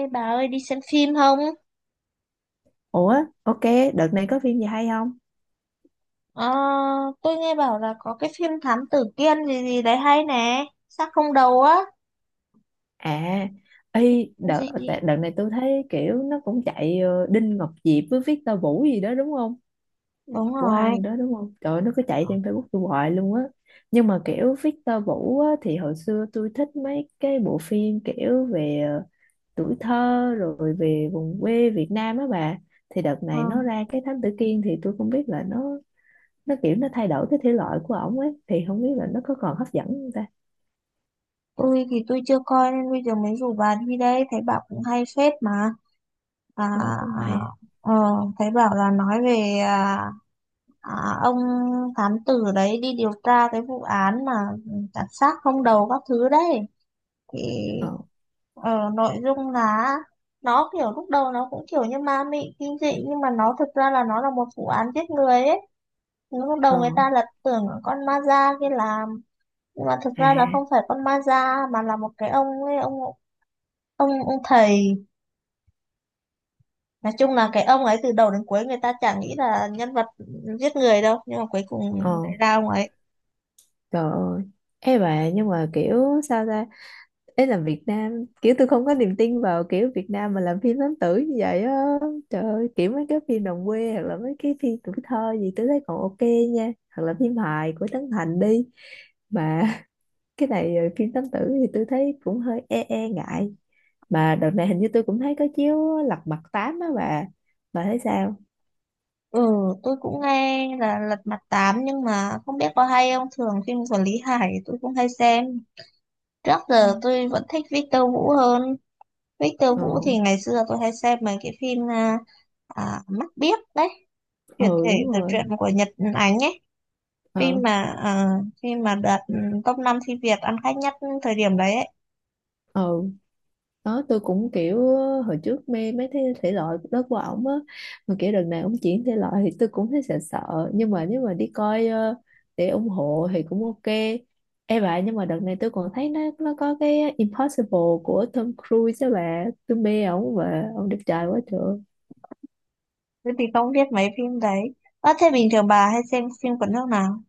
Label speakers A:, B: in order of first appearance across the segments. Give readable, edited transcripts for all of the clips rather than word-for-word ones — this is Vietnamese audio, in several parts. A: Ê bà ơi đi xem phim không?
B: Ủa, ok, đợt này có phim gì hay không?
A: Ờ, tôi nghe bảo là có cái phim Thám Tử Kiên gì gì đấy hay nè, Xác không đầu á.
B: À,
A: Gì?
B: đợt này tôi thấy kiểu nó cũng chạy Đinh Ngọc Diệp với Victor Vũ gì đó đúng không?
A: Đúng
B: Của hai
A: rồi.
B: người đó đúng không? Trời ơi, nó cứ chạy trên Facebook tôi hoài luôn á. Nhưng mà kiểu Victor Vũ á, thì hồi xưa tôi thích mấy cái bộ phim kiểu về tuổi thơ rồi về vùng quê Việt Nam á bà. Thì đợt
A: Ờ,
B: này nó ra cái Thám Tử Kiên thì tôi không biết là nó kiểu nó thay đổi cái thể loại của ổng ấy thì không biết là nó có còn hấp dẫn không ta.
A: tôi thì tôi chưa coi nên bây giờ mới rủ bà đi đây, thấy bà cũng hay phết mà. À,
B: Hay bà cũng
A: à,
B: hay.
A: ờ, thấy bảo là nói về à, ông thám tử đấy đi điều tra cái vụ án mà đặt xác không đầu các thứ đấy. Thì
B: Ờ.
A: Nội dung là nó kiểu lúc đầu nó cũng kiểu như ma mị kinh dị, nhưng mà nó thực ra là nó là một vụ án giết người ấy. Lúc
B: Ờ.
A: đầu người ta là tưởng là con ma da kia làm, nhưng mà thực ra là không
B: À.
A: phải con ma da mà là một cái ông ấy, ông thầy. Nói chung là cái ông ấy từ đầu đến cuối người ta chả nghĩ là nhân vật giết người đâu, nhưng mà cuối cùng
B: Ờ.
A: lại ra ông ấy.
B: Trời ơi. Ê bà, nhưng mà kiểu sao ta, ấy là Việt Nam kiểu tôi không có niềm tin vào kiểu Việt Nam mà làm phim lãng tử như vậy á. Trời ơi, kiểu mấy cái phim đồng quê hoặc là mấy cái phim tuổi thơ gì tôi thấy còn ok nha, hoặc là phim hài của Trấn Thành đi mà cái này phim lãng tử thì tôi thấy cũng hơi e e ngại, mà đợt này hình như tôi cũng thấy có chiếu Lật Mặt Tám á bà thấy sao?
A: Ừ, tôi cũng nghe là Lật Mặt Tám, nhưng mà không biết có hay không, thường phim của Lý Hải tôi cũng hay xem. Trước
B: Ừ.
A: giờ tôi vẫn thích Victor Vũ hơn. Victor
B: Ờ.
A: Vũ thì ngày xưa tôi hay xem mấy cái phim Mắt Biếc đấy, chuyển
B: Ừ,
A: thể
B: đúng
A: từ truyện
B: rồi.
A: của Nhật Ánh ấy. Phim
B: Ờ.
A: mà à, Phim mà đạt top 5 phim Việt ăn khách nhất thời điểm đấy ấy.
B: Ừ. Đó tôi cũng kiểu hồi trước mê mấy cái thể loại đó của ổng á, mà kiểu đợt này ổng chuyển thể loại thì tôi cũng thấy sợ sợ, nhưng mà nếu mà đi coi để ủng hộ thì cũng ok. Ê bà, nhưng mà đợt này tôi còn thấy nó có cái Impossible của Tom Cruise đó bà, tôi mê ổng và ổng đẹp trai quá trời.
A: Tôi thì không biết mấy phim đấy. À, thế bình thường bà hay xem phim của nước nào?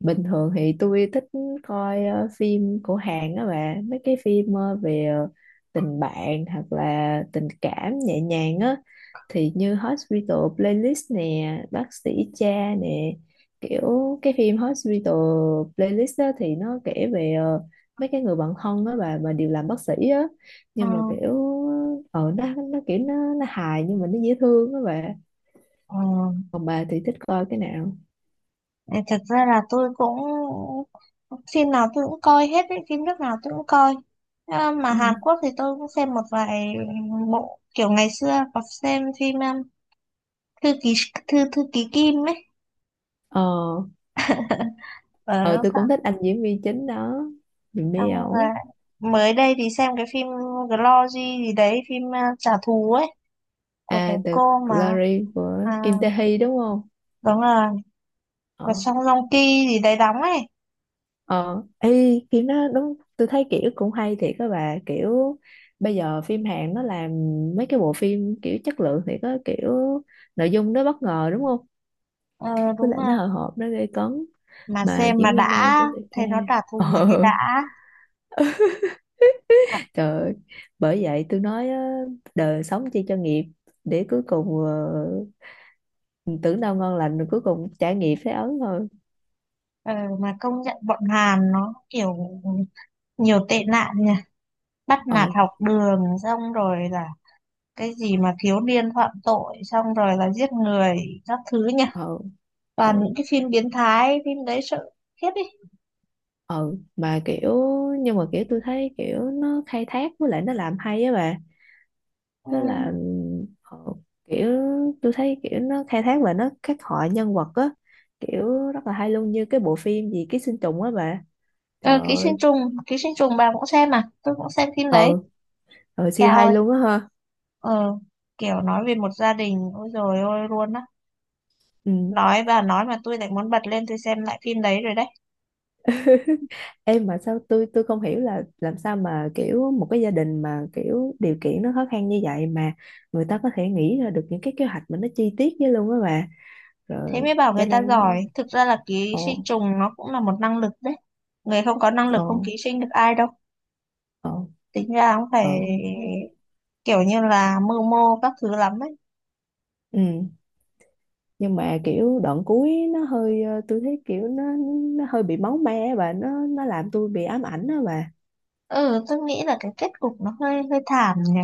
B: Bình thường thì tôi thích coi phim của Hàn đó bà, mấy cái phim về tình bạn hoặc là tình cảm nhẹ nhàng á, thì như Hospital Playlist nè, bác sĩ cha nè, kiểu cái phim Hospital Playlist á thì nó kể về mấy cái người bạn thân đó bà mà đều làm bác sĩ á,
A: Ờ,
B: nhưng mà kiểu nó kiểu nó hài nhưng mà nó dễ thương đó bà.
A: ờ.
B: Còn bà thì thích coi cái nào?
A: Ờ, thật ra là tôi cũng phim nào tôi cũng coi hết ấy, phim nước nào tôi cũng coi. À, mà
B: Ừ.
A: Hàn Quốc thì tôi cũng xem một vài bộ, kiểu ngày xưa có xem phim thư ký thư thư ký Kim ấy.
B: Ờ. Ờ,
A: Ở
B: tôi
A: sao,
B: cũng thích anh diễn viên chính đó, mình mê
A: xong rồi
B: ẩu.
A: mới đây thì xem cái phim Glory gì đấy, phim trả thù ấy của cái
B: À, The
A: cô mà,
B: Glory của
A: à,
B: Kim Tae Hee đúng không?
A: đúng là
B: Ờ.
A: của Song Joong Ki gì đấy đóng ấy.
B: Ờ, Kim nó đúng tôi thấy kiểu cũng hay thiệt các bà, kiểu bây giờ phim Hàn nó làm mấy cái bộ phim kiểu chất lượng thì có kiểu nội dung nó bất ngờ đúng không,
A: ờ,
B: với
A: Đúng
B: lại
A: là
B: nó hồi hộp nó gây cấn,
A: mà
B: mà
A: xem mà
B: diễn
A: đã,
B: viên nam cũng đẹp
A: thấy nó
B: trai
A: trả
B: ờ
A: thù mà thấy đã. à,
B: Trời ơi. Bởi vậy tôi nói á, đời sống chi cho nghiệp để cuối cùng mình tưởng đâu ngon lành rồi cuối cùng trải nghiệm thấy ớn thôi.
A: Ờ, mà công nhận bọn Hàn nó kiểu nhiều tệ nạn nhỉ, bắt nạt
B: Ừ.
A: học đường, xong rồi là cái gì mà thiếu niên phạm tội xong rồi là giết người các thứ nhỉ.
B: Ừ.
A: Toàn
B: Ừ.
A: những cái phim biến thái, phim đấy sợ khiếp đi.
B: Ừ. Mà kiểu nhưng mà kiểu tôi thấy kiểu nó khai thác với lại nó làm hay á bà.
A: Ừ.
B: Tức là ừ, kiểu tôi thấy kiểu nó khai thác và nó khắc họa nhân vật á, kiểu rất là hay luôn, như cái bộ phim gì ký sinh trùng á bà, trời
A: Ờ, ký
B: ơi.
A: sinh trùng, ký sinh trùng bà cũng xem à, tôi cũng xem phim đấy.
B: Ừ. Ừ, siêu
A: Cao
B: hay
A: ơi,
B: luôn á ha.
A: ờ, kiểu nói về một gia đình ôi rồi ôi luôn á.
B: Ừ.
A: Nói bà nói mà tôi lại muốn bật lên tôi xem lại phim đấy rồi đấy.
B: Em mà sao tôi không hiểu là làm sao mà kiểu một cái gia đình mà kiểu điều kiện nó khó khăn như vậy mà người ta có thể nghĩ ra được những cái kế hoạch mà nó chi tiết với luôn á bà.
A: Thế
B: Rồi
A: mới bảo
B: cho
A: người ta
B: nên
A: giỏi. Thực ra là ký
B: ồ.
A: sinh trùng nó cũng là một năng lực đấy. Người không có năng lực
B: Ồ.
A: không ký sinh được ai đâu.
B: Ồ.
A: Tính ra cũng
B: Ồ.
A: phải kiểu như là mưu mô các thứ lắm ấy.
B: Ừ, nhưng mà kiểu đoạn cuối nó hơi tôi thấy kiểu nó hơi bị máu me á bà, nó làm tôi bị ám ảnh đó bà.
A: Ừ, tôi nghĩ là cái kết cục nó hơi hơi thảm nhỉ.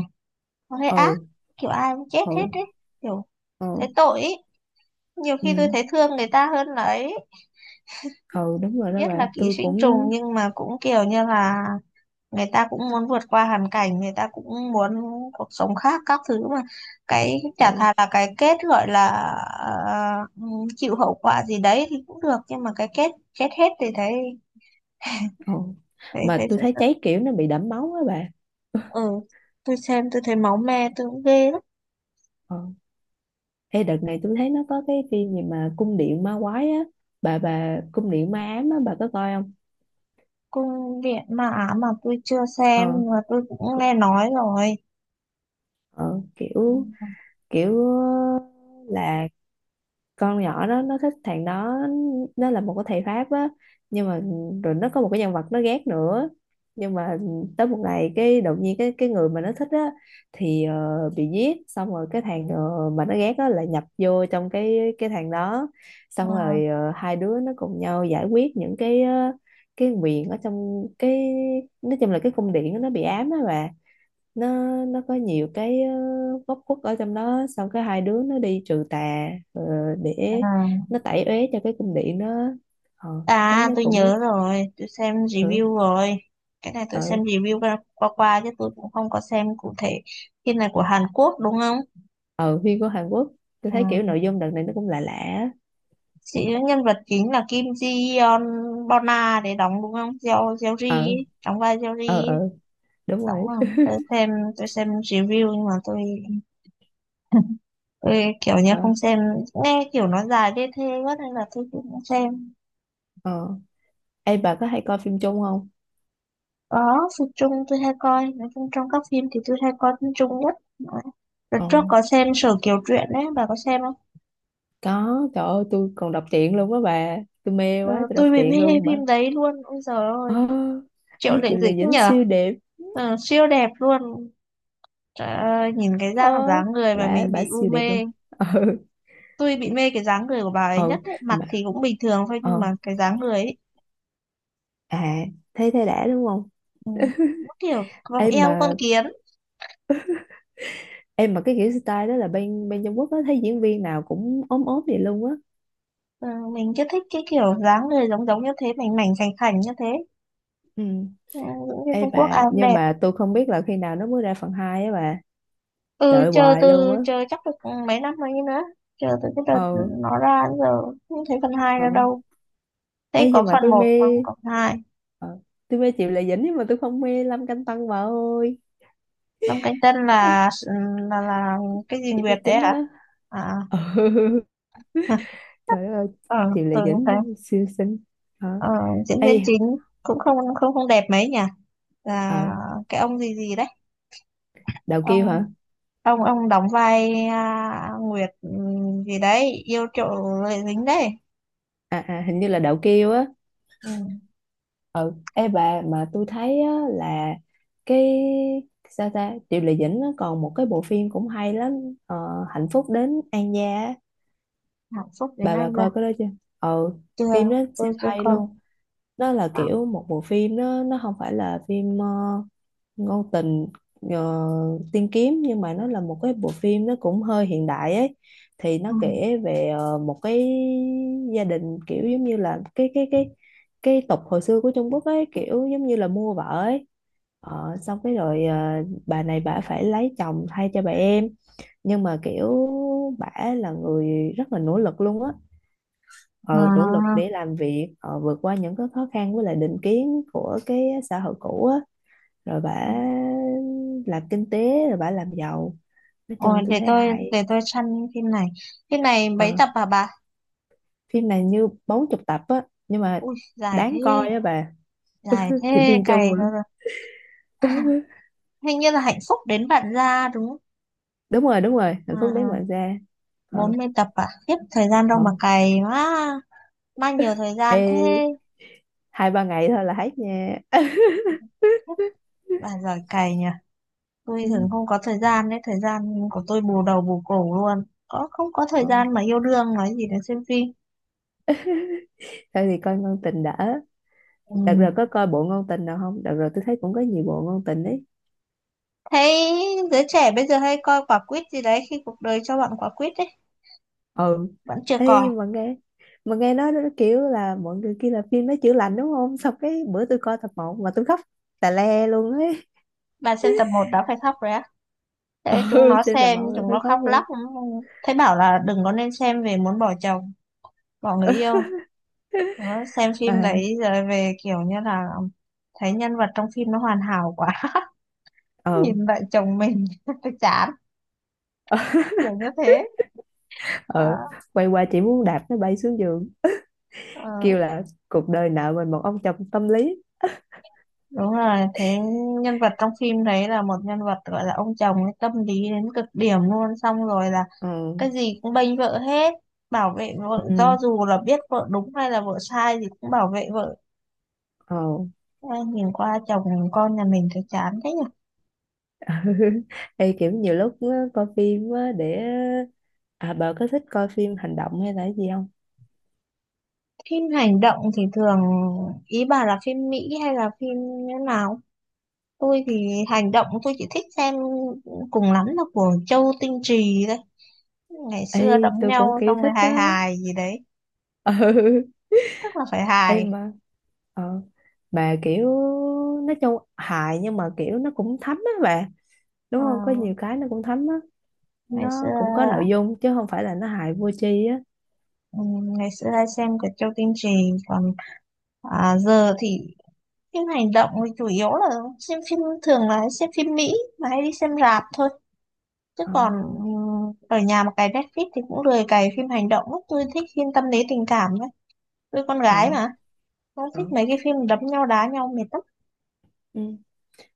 A: Nó hơi ác.
B: Ừ.
A: Kiểu ai cũng chết hết
B: Ừ.
A: đấy. Kiểu
B: Ừ.
A: thấy tội ấy. Nhiều
B: Ừ.
A: khi tôi thấy thương người ta hơn là ấy.
B: Ừ, đúng rồi đó
A: Biết là
B: bà,
A: ký
B: tôi
A: sinh trùng
B: cũng
A: nhưng mà cũng kiểu như là người ta cũng muốn vượt qua hoàn cảnh, người ta cũng muốn cuộc sống khác các thứ mà. Cái chả
B: ừ.
A: thà là cái kết gọi là ờ, chịu hậu quả gì đấy thì cũng được, nhưng mà cái kết chết hết thì thấy
B: Ồ.
A: thấy
B: Mà
A: thấy
B: tôi
A: sợ
B: thấy
A: sợ.
B: cháy kiểu nó bị đẫm máu á bà.
A: Ừ, tôi xem tôi thấy máu me tôi cũng ghê lắm.
B: Ờ. Ê, đợt này tôi thấy nó có cái phim gì mà cung điện ma quái á, bà cung điện ma ám á bà có coi không?
A: Cung điện ma ám mà tôi chưa xem,
B: Ờ,
A: nhưng mà tôi cũng
B: cu-
A: nghe nói rồi.
B: ờ kiểu kiểu ờ, là con nhỏ đó nó thích thằng đó, nó là một cái thầy Pháp á, nhưng mà rồi nó có một cái nhân vật nó ghét nữa, nhưng mà tới một ngày cái đột nhiên cái người mà nó thích á thì bị giết, xong rồi cái thằng mà nó ghét á là nhập vô trong cái thằng đó,
A: Ừ.
B: xong rồi hai đứa nó cùng nhau giải quyết những cái cái nguyện ở trong cái, nói chung là cái cung điện đó, nó bị ám á bà, nó nó có nhiều cái góc khuất ở trong đó, xong cái hai đứa nó đi trừ tà
A: Ừ.
B: để nó tẩy uế cho cái cung điện đó ờ, tôi thấy
A: À,
B: nó
A: tôi
B: cũng
A: nhớ rồi, tôi xem
B: ờ
A: review rồi. Cái này tôi
B: ờ
A: xem review qua qua, qua chứ tôi cũng không có xem cụ thể. Phim này của Hàn Quốc đúng không?
B: ờ phim của Hàn Quốc. Tôi
A: Ừ.
B: thấy kiểu nội dung đợt này nó cũng lạ lạ á.
A: Chị nhân vật chính là Kim Ji Yeon Bona để đóng đúng không? Jeo Jeo Ri
B: Ờ.
A: ấy, đóng vai Jeo Ri
B: Ờ.
A: ấy.
B: Ờ, đúng
A: Đóng
B: rồi.
A: không? Tôi xem, tôi xem review nhưng mà tôi tôi kiểu như
B: Ờ.
A: không xem, nghe kiểu nó dài đê thê quá nên là tôi cũng không xem.
B: Ờ. Ê bà, có hay coi phim chung không?
A: Có, phim Trung tôi hay coi, nói chung trong các phim thì tôi hay coi phim Trung nhất. Đó. Đợt
B: Ờ,
A: trước có xem Sở Kiều Truyện đấy, bà có xem không?
B: có, trời ơi, tôi còn đọc truyện luôn á bà, tôi mê
A: Ừ,
B: quá tôi đọc
A: tôi bị mê
B: truyện
A: hay
B: luôn mà.
A: phim đấy luôn, ôi giời ơi,
B: Ờ.
A: Triệu
B: Ê,
A: Lệ
B: chị là
A: Dĩnh
B: dính
A: nhở.
B: siêu đều.
A: Ờ, siêu đẹp luôn. Trời ơi, nhìn cái
B: Ờ,
A: dáng dáng người mà
B: bả
A: mình
B: bả
A: bị u
B: siêu đẹp luôn
A: mê.
B: ừ.
A: Tôi bị mê cái dáng người của bà ấy nhất
B: Ừ,
A: ấy. Mặt
B: mà
A: thì cũng bình thường thôi nhưng
B: ờ
A: mà cái dáng người ấy,
B: à thấy thấy đã đúng không?
A: ừ, nó kiểu vòng
B: Em
A: eo con
B: mà
A: kiến.
B: em mà cái kiểu style đó là bên bên Trung Quốc á, thấy diễn viên nào cũng ốm ốm vậy luôn á.
A: Ừ, mình cứ thích cái kiểu dáng người giống giống như thế, mảnh mảnh khảnh khảnh như thế.
B: Ừ.
A: Ừ, những viên
B: Ê
A: Trung Quốc ai
B: bà,
A: cũng
B: nhưng
A: đẹp.
B: mà tôi không biết là khi nào nó mới ra phần 2 á bà.
A: Ừ,
B: Đợi hoài luôn á.
A: chờ chắc được mấy năm rồi nữa, chờ từ cái đợt
B: Ờ.
A: nó ra đến giờ không thấy phần hai ra
B: Ừ.
A: đâu, thấy
B: Ê,
A: có
B: nhưng mà
A: phần
B: tôi mê
A: một không có phần hai.
B: ờ, tôi mê Triệu Lệ Dĩnh nhưng mà tôi không mê Lâm Canh Tân bà ơi.
A: Lâm Cánh Chân là là là cái gì
B: Diễn
A: Nguyệt
B: viên
A: đấy
B: chính
A: hả?
B: á.
A: À.
B: Ừ. Trời ơi.
A: Ờ,
B: Chị Lệ
A: tưởng như thế.
B: Dĩnh siêu xinh. Hả?
A: Ờ, diễn
B: Ê.
A: viên chính cũng không không không đẹp mấy nhỉ, là
B: Ờ,
A: cái ông gì gì đấy.
B: đậu kiêu
A: ông
B: hả?
A: ông đóng vai à, Nguyệt gì đấy yêu trộm lệ dính đấy.
B: À, à, hình như là đậu kiêu á.
A: Ừ,
B: Ừ. Ê bà, mà tôi thấy á, là cái sao ta, Triệu Lệ Dĩnh nó còn một cái bộ phim cũng hay lắm, ờ, Hạnh phúc đến An gia á.
A: hạnh phúc đến
B: bà
A: nay
B: bà
A: giờ.
B: coi cái đó chưa? Ừ.
A: Chưa,
B: Phim đó
A: tôi
B: siêu
A: chưa
B: hay
A: coi.
B: luôn. Nó là kiểu một bộ phim, nó không phải là phim ngôn tình ờ, tiên kiếm, nhưng mà nó là một cái bộ phim nó cũng hơi hiện đại ấy. Thì nó
A: Ừ.
B: kể về một cái gia đình kiểu giống như là cái tục hồi xưa của Trung Quốc ấy, kiểu giống như là mua vợ ấy. Ờ, xong cái rồi bà này bà phải lấy chồng thay cho bà em, nhưng mà kiểu bả là người rất là nỗ lực luôn á, ờ, nỗ lực
A: À.
B: để làm việc vượt qua những cái khó khăn với lại định kiến của cái xã hội cũ á, rồi bả làm kinh tế rồi bả làm giàu, nói
A: Ôi,
B: chung tôi thấy hay.
A: để tôi săn phim này. Phim này mấy
B: Ờ,
A: tập hả bà?
B: phim này như 40 tập á nhưng mà
A: Ui,
B: đáng coi á bà.
A: dài
B: Thì
A: thế,
B: phim
A: cày
B: chung mà.
A: ra rồi. Hình như là hạnh phúc đến bạn ra đúng không?
B: Đúng rồi, đúng rồi, hạnh
A: À,
B: phúc đến
A: à,
B: bạn ra. Ờ.
A: 40 tập à? Khiếp, thời gian đâu mà
B: Ờ.
A: cày quá. Bao nhiều thời gian
B: Ê,
A: thế.
B: hai ba ngày thôi là hết nha
A: Khiếp, bà giỏi cày nhỉ. Tôi thường
B: Ừ.
A: không có thời gian đấy, thời gian của tôi bù đầu bù cổ luôn. Có không có thời
B: Ờ,
A: gian mà yêu đương nói gì đến xem phim.
B: thôi thì coi ngôn tình đã.
A: Ừ,
B: Đợt rồi có coi bộ ngôn tình nào không? Đợt rồi tôi thấy cũng có nhiều bộ ngôn tình ấy.
A: thấy giới trẻ bây giờ hay coi quả quýt gì đấy, khi cuộc đời cho bạn quả quýt đấy
B: Ừ.
A: vẫn chưa coi.
B: Ê, mà nghe nói nó kiểu là mọi người kia là phim nó chữa lành đúng không, xong cái bữa tôi coi tập một mà tôi khóc tà le luôn ấy.
A: Bạn xem tập một đã phải khóc rồi á? Thế chúng
B: Ừ,
A: nó
B: trên tập
A: xem
B: một là
A: chúng
B: phải
A: nó
B: khóc
A: khóc lóc.
B: luôn.
A: Thấy bảo là đừng có nên xem, về muốn bỏ chồng, bỏ người yêu, nó xem phim đấy
B: À.
A: rồi về kiểu như là thấy nhân vật trong phim nó hoàn hảo quá,
B: Ờ.
A: nhìn lại chồng mình chán kiểu như thế. Ờ,
B: Ờ, quay qua chỉ muốn đạp nó bay xuống giường,
A: ờ,
B: kêu là cuộc đời nợ mình một ông chồng tâm lý.
A: đúng rồi, thế nhân vật trong phim đấy là một nhân vật gọi là ông chồng ấy, tâm lý đến cực điểm luôn, xong rồi là
B: Ờ.
A: cái gì cũng bênh vợ hết, bảo vệ vợ cho
B: Ừ.
A: dù là biết vợ đúng hay là vợ sai thì cũng bảo vệ vợ.
B: Ờ.
A: Ai nhìn qua chồng con nhà mình thấy chán thế nhỉ?
B: Ê, kiểu nhiều lúc á, coi phim á, để à bà có thích coi phim hành động hay là cái gì không?
A: Phim hành động thì thường, ý bà là phim Mỹ hay là phim như nào? Tôi thì hành động tôi chỉ thích xem cùng lắm là của Châu Tinh Trì đấy, ngày xưa đấm
B: Ê, tôi cũng
A: nhau
B: kiểu
A: xong rồi
B: thích
A: hài
B: đó.
A: hài gì đấy,
B: Ừ.
A: tức là phải hài.
B: Em mà ờ mà kiểu nói chung hài nhưng mà kiểu nó cũng thấm á bà, đúng
A: Ờ,
B: không, có nhiều cái nó cũng thấm á,
A: ngày xưa,
B: nó cũng có nội dung chứ không phải là nó hài vô tri á.
A: ừ, ngày xưa hay xem của Châu Tinh Trì, còn giờ thì phim hành động thì chủ yếu là xem phim, thường là xem phim Mỹ mà hay đi xem rạp thôi. Chứ
B: Ờ.
A: còn ở nhà mà cài Netflix thì cũng lười cài phim hành động lắm. Tôi thích phim tâm lý tình cảm đấy. Tôi con
B: Ờ.
A: gái mà. Không
B: Ờ.
A: thích mấy cái phim đấm nhau đá nhau mệt lắm.
B: Ừ.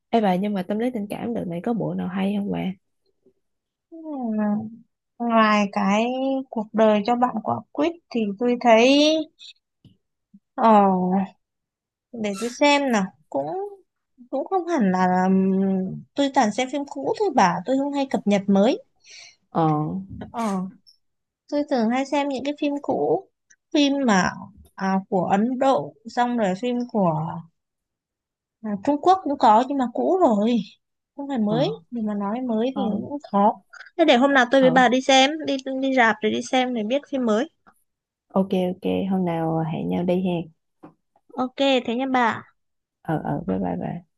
B: Ê bà, nhưng mà tâm lý tình cảm đợt này có bộ nào hay không bà?
A: Ừm, Ngoài cái cuộc đời cho bạn quả quýt thì tôi thấy... Ờ, để tôi xem nào. Cũng cũng không hẳn là, tôi toàn xem phim cũ thôi bà. Tôi không hay cập nhật mới.
B: Ờ.
A: Ờ. Tôi thường hay xem những cái phim cũ, phim mà của Ấn Độ, xong rồi phim của Trung Quốc cũng có nhưng mà cũ rồi, không phải
B: Ờ.
A: mới, nhưng mà nói mới thì
B: Ờ.
A: cũng khó. Thế để hôm nào tôi với
B: Ờ.
A: bà đi xem đi, đi rạp rồi đi xem để biết phim mới.
B: Ok, ok, hôm nào hẹn nhau đi hen.
A: Ok thế nha bà.
B: Ờ. Ờ, bye bye bà.